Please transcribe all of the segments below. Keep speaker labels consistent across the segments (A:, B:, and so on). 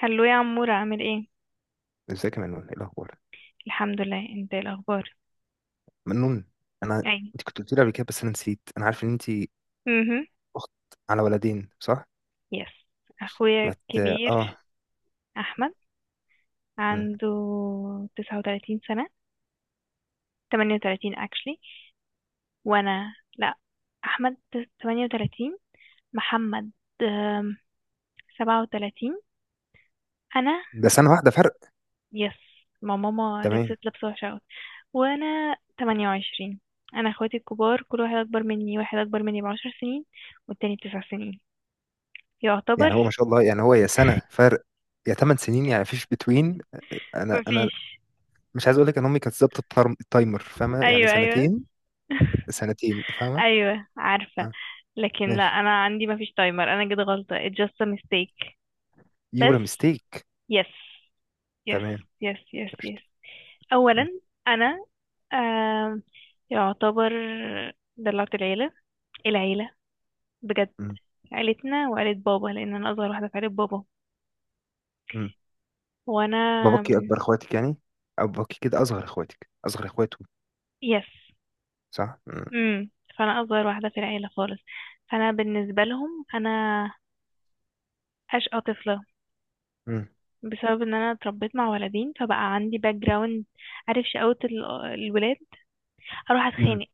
A: هلو يا عمور، عامل ايه؟
B: ازيك يا منون، ايه الاخبار؟
A: الحمد لله، انت إيه الاخبار؟
B: منون. انا.
A: اي.
B: انت كنت قلت لي قبل كده، بس انا نسيت. انا عارف ان انت
A: امم
B: اخت على ولدين، صح؟
A: يس. اخويا
B: ما مت...
A: الكبير
B: اه.
A: احمد
B: مم.
A: عنده 39 سنة. 38 actually. وانا لا، احمد 38، محمد آم، 37. انا
B: ده سنه واحده فرق.
A: يس. ما ماما
B: تمام.
A: لبست لبسة وحشة أوي. وانا 28. انا اخواتي الكبار، كل واحد اكبر مني، واحد اكبر مني ب10 سنين والتاني ب9 سنين يعتبر.
B: يعني هو ما شاء الله، يعني هو يا سنه فرق يا 8 سنين، يعني فيش بتوين. انا
A: مفيش.
B: مش عايز اقول لك ان امي كانت ظابطه التايمر، فاهمه؟ يعني
A: ايوه ايوه.
B: سنتين. سنتين، فاهمه.
A: ايوه عارفه.
B: اه.
A: لكن لا،
B: ماشي.
A: انا عندي ما فيش تايمر، انا كده غلطه. it's just a mistake. بس.
B: يورا ميستيك.
A: yes. yes.
B: تمام.
A: yes yes yes.
B: قشطة. مم.
A: اولا انا آم، يعتبر دلعت العيله، العيله بجد.
B: مم.
A: عيلتنا وعيله بابا، لان انا اصغر واحده في عيله بابا.
B: مم.
A: وانا
B: باباكي
A: من
B: اكبر اخواتك، يعني؟ أو باباكي كده اصغر اخواته؟
A: yes.
B: صح. مم.
A: امم فانا اصغر واحده في العيله خالص. فانا بالنسبه لهم انا اشقى طفله، بسبب ان انا اتربيت مع ولدين، فبقى عندي باك جراوند. عارف شقاوة الولاد. هروح
B: مم.
A: اتخانق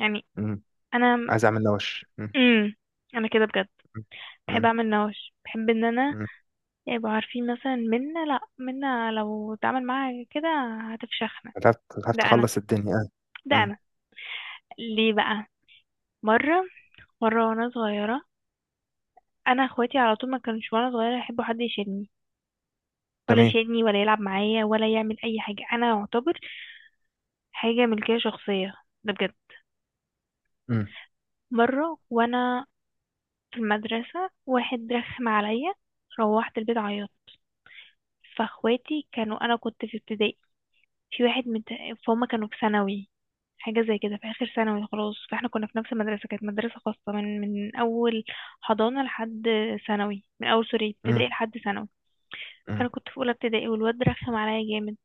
A: يعني.
B: مم.
A: انا
B: عايز اعمل نوش. مم.
A: امم انا كده بجد
B: مم.
A: بحب
B: مم.
A: اعمل نوش، بحب ان انا
B: مم.
A: يبقوا عارفين مثلا منا. لا، منا لو اتعامل معاها كده هتفشخنا.
B: هتعرف
A: ده انا،
B: تخلص الدنيا، اه.
A: ده
B: مم.
A: انا، ليه بقى؟ مرة، مرة وانا صغيرة، انا اخواتي على طول ما كانش وانا صغيرة يحبوا حد يشيلني، ولا
B: تمام.
A: يشيلني ولا يلعب معايا ولا يعمل اي حاجة، انا اعتبر حاجة ملكية شخصية، ده بجد.
B: مم.
A: مرة وانا في المدرسة، واحد رخم عليا، روحت البيت عيطت. فاخواتي كانوا، أنا كنت في ابتدائي، في واحد من، فهم كانوا في ثانوي حاجة زي كده، في آخر ثانوي خلاص. فاحنا كنا في نفس المدرسة، كانت مدرسة خاصة من أول حضانة لحد ثانوي، من أول سوري،
B: مم.
A: ابتدائي لحد ثانوي.
B: مم.
A: فأنا كنت في أولى ابتدائي والواد رخم عليا جامد،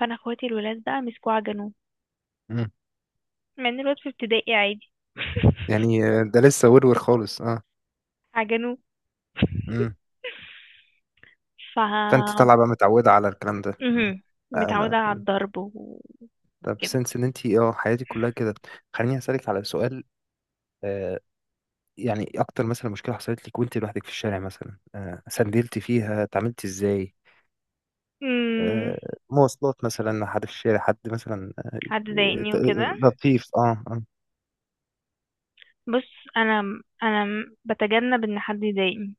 A: فأنا اخواتي الولاد بقى مسكوه عجنوه.
B: مم.
A: مع إن الواد في ابتدائي عادي.
B: يعني ده لسه ورور خالص، اه.
A: عجنوه.
B: مم.
A: ف
B: فانت طالعه بقى متعوده على الكلام ده. مم.
A: مهم.
B: آه، لا.
A: متعودة على
B: مم.
A: الضرب وكده.
B: طب سنس ان انت حياتك كلها كده. خليني اسالك على سؤال. آه يعني اكتر مثلا مشكله حصلت لك وانت لوحدك في الشارع، مثلا سندلتي فيها اتعاملتي ازاي؟
A: امم
B: آه مواصلات مثلا، حد في الشارع، حد مثلا
A: حد ضايقني
B: آه،
A: وكده.
B: لطيف، اه، آه.
A: بص، انا انا بتجنب ان حد يضايقني.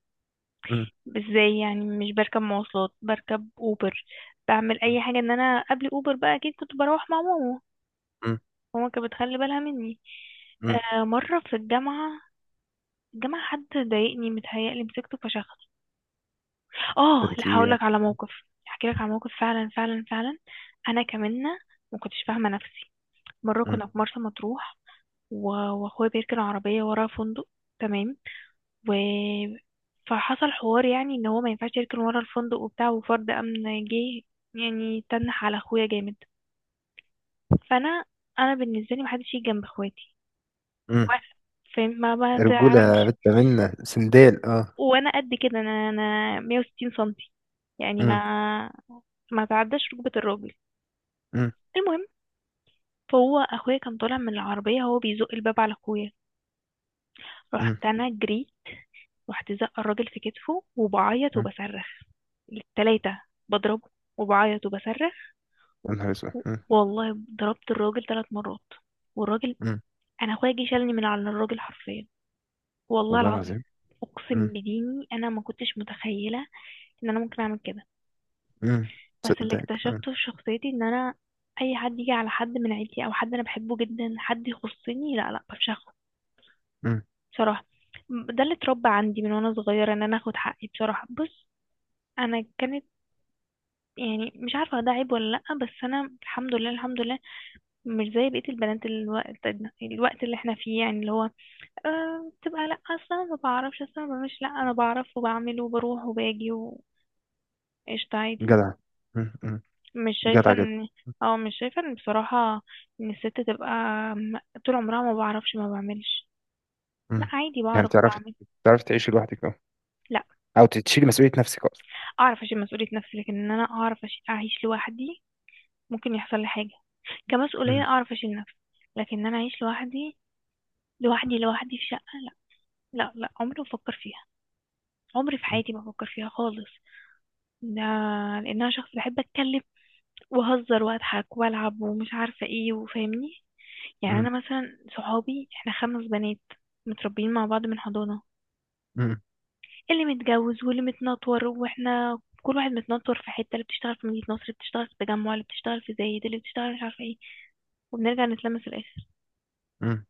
A: ازاي يعني؟ مش بركب مواصلات، بركب اوبر، بعمل
B: مم.
A: اي حاجة، ان انا قبل اوبر بقى اكيد كنت بروح مع ماما.
B: مم.
A: ماما كانت بتخلي بالها مني.
B: مم.
A: آه، مرة في الجامعة، الجامعة حد ضايقني، متهيألي مسكته فشخص. اه
B: ده
A: لا،
B: انت ايه؟
A: هقولك على موقف، هحكيلك على موقف فعلا فعلا فعلا. انا كمنة، ما كنتش فاهمة نفسي. مرة
B: مم.
A: كنا في مرسى مطروح و- واخويا بيركن عربية ورا فندق، تمام؟ و فحصل حوار يعني ان هو ما ينفعش يركن ورا الفندق وبتاع، وفرد امن جه يعني تنح على اخويا جامد. فانا، انا بالنسبة لي محدش يجي جنب اخواتي
B: مم.
A: وأنا- فاهم؟ ما
B: رجولة
A: تعرفش.
B: بنت، منا سندال، اه.
A: وانا قد كده، انا 160 سنتي، يعني
B: مم.
A: ما تعداش ركبة الراجل.
B: مم.
A: المهم، فهو اخويا كان طالع من العربية، هو بيزق الباب على اخويا،
B: مم.
A: رحت انا جريت، رحت زقه الراجل في كتفه وبعيط
B: مم.
A: وبصرخ التلاتة، بضربه وبعيط وبصرخ.
B: يا نهار اسود.
A: و-
B: مم.
A: والله ضربت الراجل 3 مرات، والراجل،
B: مم.
A: انا اخويا جه شالني من على الراجل حرفيا، والله
B: والله
A: العظيم،
B: العظيم.
A: اقسم
B: مم.
A: بديني انا ما كنتش متخيله ان انا ممكن اعمل كده.
B: مم.
A: بس اللي
B: تصدق؟ مم.
A: اكتشفته في شخصيتي ان انا اي حد يجي على حد من عيلتي او حد انا بحبه جدا حد يخصني، لا لا، بفشخه
B: مم.
A: بصراحه. ده اللي اتربى عندي من وانا صغيره، ان انا اخد حقي بصراحه. بص، انا كانت يعني، مش عارفة ده عيب ولا لأ، بس أنا الحمد لله الحمد لله مش زي بقية البنات الوقت، الوقت اللي احنا فيه، يعني اللي هو أه بتبقى لأ أصلا ما بعرفش، أصلا ما بعملش. لأ، أنا بعرف وبعمل وبروح وباجي وقشطة، عادي.
B: جدع. مم. مم.
A: مش شايفة
B: جدع جدا.
A: إن، اه مش شايفة إن بصراحة إن الست تبقى م- طول عمرها ما بعرفش ما بعملش. لأ،
B: مم.
A: عادي
B: يعني
A: بعرف
B: تعرف
A: وبعمل.
B: تعرف تعيشي لوحدك، اه؟
A: لأ
B: او تشيلي مسؤولية نفسك اصلا؟
A: أعرف أشيل مسؤولية نفسي، لكن إن أنا أعرف أعيش لوحدي، ممكن يحصل لي حاجة. كمسؤولية
B: مم.
A: أعرف أشيل نفسي، لكن إن أنا أعيش لوحدي، لوحدي لوحدي في شقة، لا لا لا، عمري ما بفكر فيها، عمري في
B: مم.
A: حياتي ما بفكر فيها خالص. لا، لأن أنا شخص بحب أتكلم وأهزر وأضحك وألعب ومش عارفة إيه، وفاهمني يعني.
B: مم.
A: أنا مثلا صحابي إحنا 5 بنات متربيين مع بعض من حضانة،
B: مم.
A: اللي متجوز واللي متنطور وإحنا كل واحد متنطر في حتة، اللي بتشتغل في مدينة نصر، اللي بتشتغل في التجمع، اللي بتشتغل في زايد، اللي بتشتغل مش عارفة إيه، وبنرجع نتلمس في الآخر.
B: مم.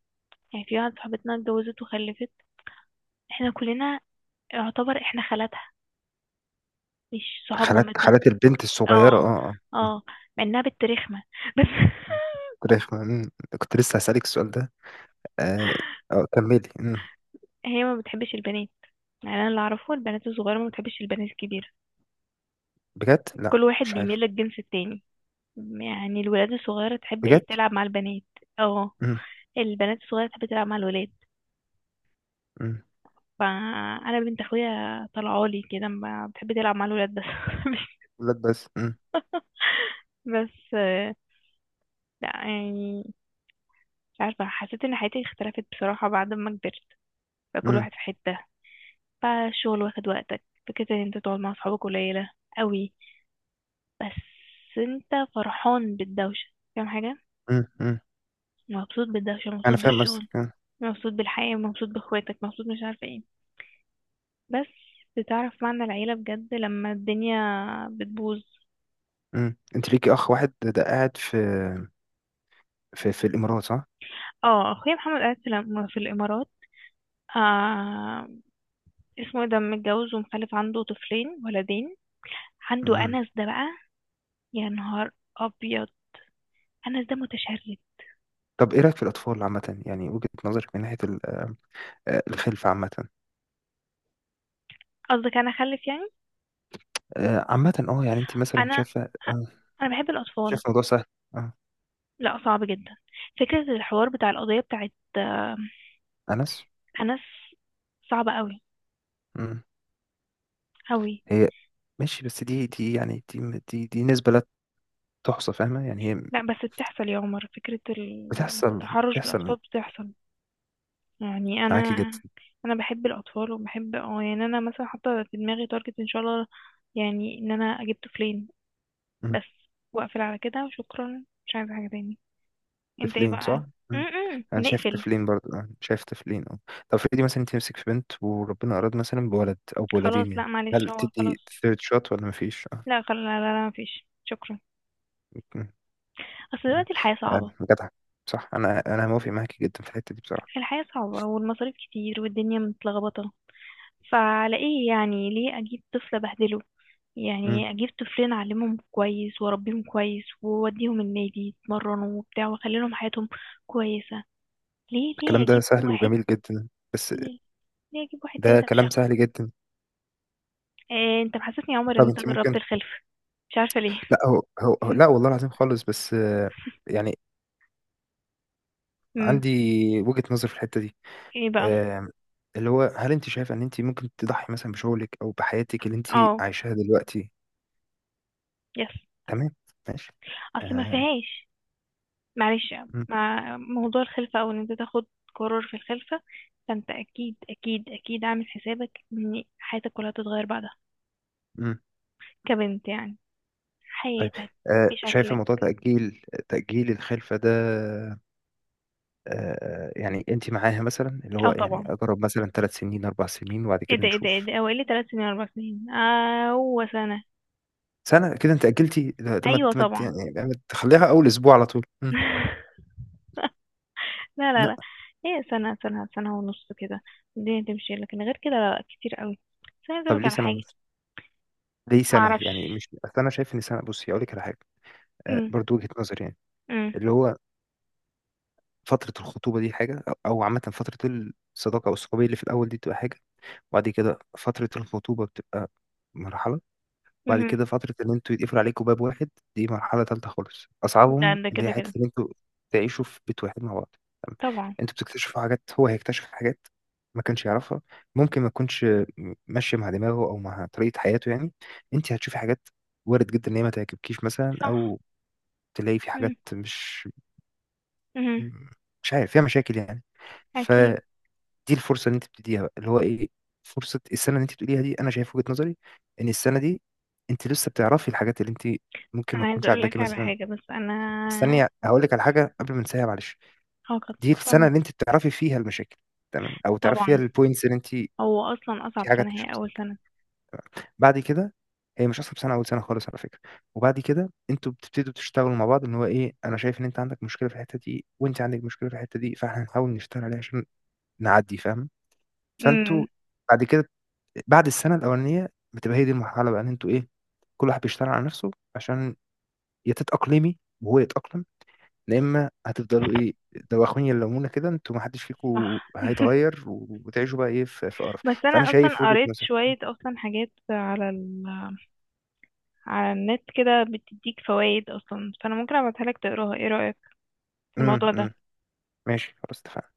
A: يعني في واحدة صاحبتنا اتجوزت وخلفت، إحنا كلنا يعتبر إحنا خالاتها، مش صحاب
B: خالات،
A: مامتها.
B: خالات البنت الصغيرة،
A: اه
B: اه، اه. مم.
A: اه، مع انها بنت رخمة بس.
B: مم. كنت كنت لسه هسألك السؤال ده. آه آه، كملي.
A: هي ما بتحبش البنات. يعني انا اللي اعرفه البنات الصغيرة ما بتحبش البنات الكبيرة،
B: بجد؟ لا،
A: كل واحد
B: مش
A: بيميل
B: عارف.
A: للجنس التاني. يعني الولاد الصغيرة تحب إيه؟
B: بجد؟
A: تلعب مع البنات. اه.
B: امم.
A: البنات الصغيرة تحب تلعب مع الولاد.
B: امم.
A: فانا بنت اخويا طلعالي كده، ما بتحب تلعب مع الولاد بس. مش-
B: ولاد بس. امم.
A: بس لا يعني، مش عارفة، حسيت ان حياتي اختلفت بصراحة بعد ما كبرت، بقى كل
B: امم.
A: واحد في حتة، فالشغل واخد وقتك، فكرة ان انت تقعد مع اصحابك قليلة قوي. بس انت فرحان بالدوشة، فاهم حاجة،
B: امم. امم.
A: مبسوط بالدوشة،
B: انا
A: مبسوط
B: فاهم، بس.
A: بالشغل، مبسوط بالحياة، مبسوط باخواتك، مبسوط مش عارفة ايه. بس بتعرف معنى العيلة بجد لما الدنيا بتبوظ.
B: امم. انت ليكي اخ واحد، ده قاعد في في الامارات، صح؟
A: اه، اخويا محمد قاعد في في الامارات. آه، اسمه ايه ده، متجوز ومخلف، عنده طفلين، ولدين، عنده
B: امم.
A: انس ده بقى. يا نهار ابيض، انس ده متشرد.
B: طب ايه رايك في الاطفال عامه، يعني وجهة نظرك من ناحيه الخلفه عامه؟
A: قصدك انا اخلف يعني؟
B: عامه، اه، يعني انت مثلا
A: انا،
B: شايفه
A: انا بحب
B: شايفه
A: الاطفال.
B: الموضوع سهل؟ اه.
A: لا صعب جدا، فكره الحوار بتاع القضيه بتاعت
B: انس.
A: انس، صعبه قوي،
B: امم.
A: قوي.
B: هي ماشي، بس دي يعني دي نسبه لا تحصى، فاهمه؟ يعني هي
A: لا بس بتحصل يا عمر، فكره
B: بتحصل
A: التحرش بالاطفال
B: بتحصل
A: بتحصل. يعني انا،
B: معاكي جدا.
A: انا بحب الاطفال وبحب اه يعني، انا مثلا حاطه في دماغي تارجت ان شاء الله يعني ان انا اجيب طفلين بس، واقفل على كده وشكرا، مش عايزه حاجه تاني. انت ايه
B: طفلين،
A: بقى؟
B: صح؟
A: م
B: مم.
A: -م.
B: انا شايف
A: ونقفل.
B: طفلين برضه، أنا شايف طفلين، اه. طب افرضي مثلا انت نفسك في بنت، وربنا اراد مثلا بولد او
A: خلاص
B: بولدين،
A: لا
B: يعني
A: معلش،
B: هل
A: هو
B: تدي
A: خلاص،
B: ثيرد شوت ولا مفيش؟ اه.
A: لا خلاص لا لا, لا، مفيش شكرا.
B: مم.
A: اصل
B: تمام.
A: دلوقتي الحياة
B: آه،
A: صعبة،
B: جدع. صح، انا موافق معاكي جدا في الحته دي بصراحه.
A: الحياة صعبة والمصاريف كتير والدنيا متلخبطة. فعلى ايه يعني؟ ليه اجيب طفل ابهدله؟
B: مم.
A: يعني اجيب طفلين اعلمهم كويس واربيهم كويس واوديهم النادي يتمرنوا وبتاع، واخلي لهم حياتهم كويسة. ليه، ليه
B: الكلام ده
A: اجيب
B: سهل
A: واحد،
B: وجميل جدا، بس
A: ليه, ليه اجيب واحد
B: ده
A: تالت
B: كلام
A: افشخه؟
B: سهل جدا.
A: إيه، انت محسسني يا عمر ان
B: طب
A: انت
B: انت ممكن.
A: جربت الخلف، مش عارفة ليه.
B: لا، لا، والله العظيم خالص، بس يعني
A: امم
B: عندي وجهة نظر في الحته دي.
A: ايه بقى؟
B: آم، اللي هو، هل انت شايفه ان انت ممكن تضحي مثلا بشغلك او بحياتك اللي انت
A: اه
B: عايشاها دلوقتي؟
A: يس.
B: تمام. ماشي.
A: اصل ما
B: آه.
A: فيهاش معلش،
B: مم.
A: مع موضوع الخلفة او ان انت تاخد قرار في الخلفة، فانت اكيد اكيد اكيد عامل حسابك ان حياتك كلها تتغير بعدها،
B: مم.
A: كبنت يعني،
B: طيب.
A: حياتك
B: آه. شايفه
A: بشكلك.
B: موضوع تأجيل الخلفه ده؟ آه. يعني انت معاها، مثلا اللي هو
A: اه
B: يعني
A: طبعا،
B: اجرب مثلا 3 سنين 4 سنين وبعد
A: ايه
B: كده
A: ده ايه ده ايه
B: نشوف؟
A: ده، هو ايه لي 3 سنين 4 سنين؟ اه هو سنة.
B: سنه كده انت أجلتي، ده ما
A: ايوه
B: ت- ما ت-
A: طبعا.
B: يعني ما تخليها اول اسبوع على طول؟ مم.
A: لا لا
B: لا.
A: لا، هي سنة سنة سنة ونص كده الدنيا تمشي، لكن غير كده لا لا، كتير قوي. بس أنا عايزة
B: طب
A: أقولك
B: ليه
A: على
B: سنه
A: حاجة.
B: ونص؟ ليه سنه يعني؟
A: معرفش.
B: مش اصل انا شايف ان سنه، بصي اقول لك على حاجه. آه،
A: أم،
B: برضو وجهه نظري يعني،
A: أم،
B: اللي هو فترة الخطوبة دي حاجة، أو عامة فترة الصداقة أو الصحوبية اللي في الأول دي بتبقى حاجة، وبعد كده فترة الخطوبة بتبقى مرحلة، وبعد
A: مهم.
B: كده فترة إن أنتوا يتقفل عليكوا باب واحد، دي مرحلة تالتة خالص، أصعبهم
A: لا ده
B: اللي هي
A: كده
B: حتة
A: كده
B: إن أنتوا تعيشوا في بيت واحد مع بعض. تمام.
A: طبعا
B: أنتوا بتكتشفوا حاجات، هو هيكتشف حاجات ما كانش يعرفها، ممكن ما تكونش ماشية مع دماغه أو مع طريقة حياته يعني، أنت هتشوفي حاجات وارد جدا إن هي ما تعجبكيش مثلا،
A: صح.
B: أو تلاقي في حاجات مش
A: مهم.
B: مش عارف فيها مشاكل يعني. ف
A: اكيد.
B: دي الفرصه اللي انت بتديها بقى، اللي هو ايه، فرصه السنه اللي انت بتقوليها دي. انا شايف وجهه نظري ان السنه دي انت لسه بتعرفي الحاجات اللي انت ممكن ما
A: انا عايزه
B: تكونش
A: اقول
B: عاجباكي
A: لك على
B: مثلا.
A: حاجه بس انا.
B: استني هقول لك على حاجه قبل ما انساها، معلش.
A: اه
B: دي السنه
A: طبعا
B: اللي انت بتعرفي فيها المشاكل، تمام، او تعرفي فيها
A: طبعا.
B: البوينتس اللي انت
A: هو اصلا اصعب
B: في حاجات
A: سنه
B: مش
A: هي اول
B: بس.
A: سنه.
B: بعد كده هي مش اصعب سنه اول سنه خالص، على فكره. وبعد كده انتوا بتبتدوا تشتغلوا مع بعض، ان هو ايه، انا شايف ان انت عندك مشكله في الحته دي وانت عندك مشكله في الحته دي، فاحنا هنحاول نشتغل عليها عشان نعدي، فاهم؟ فانتوا
A: امم
B: بعد كده، بعد السنه الاولانيه بتبقى هي دي المرحله بقى ان انتوا ايه، كل واحد بيشتغل على نفسه عشان يا تتاقلمي وهو يتاقلم، يا اما هتفضلوا ايه، دواخين يلمونا كده، انتوا ما حدش
A: صح.
B: فيكم هيتغير وتعيشوا بقى ايه في قرف.
A: بس
B: فانا
A: انا
B: شايف
A: اصلا
B: وجهه
A: قريت
B: نظري.
A: شويه اصلا حاجات على ال... على النت كده بتديك فوائد اصلا، فانا ممكن ابعتها لك تقراها. ايه رايك في
B: امم.
A: الموضوع ده؟
B: أمم. ماشي، خلاص، اتفقنا.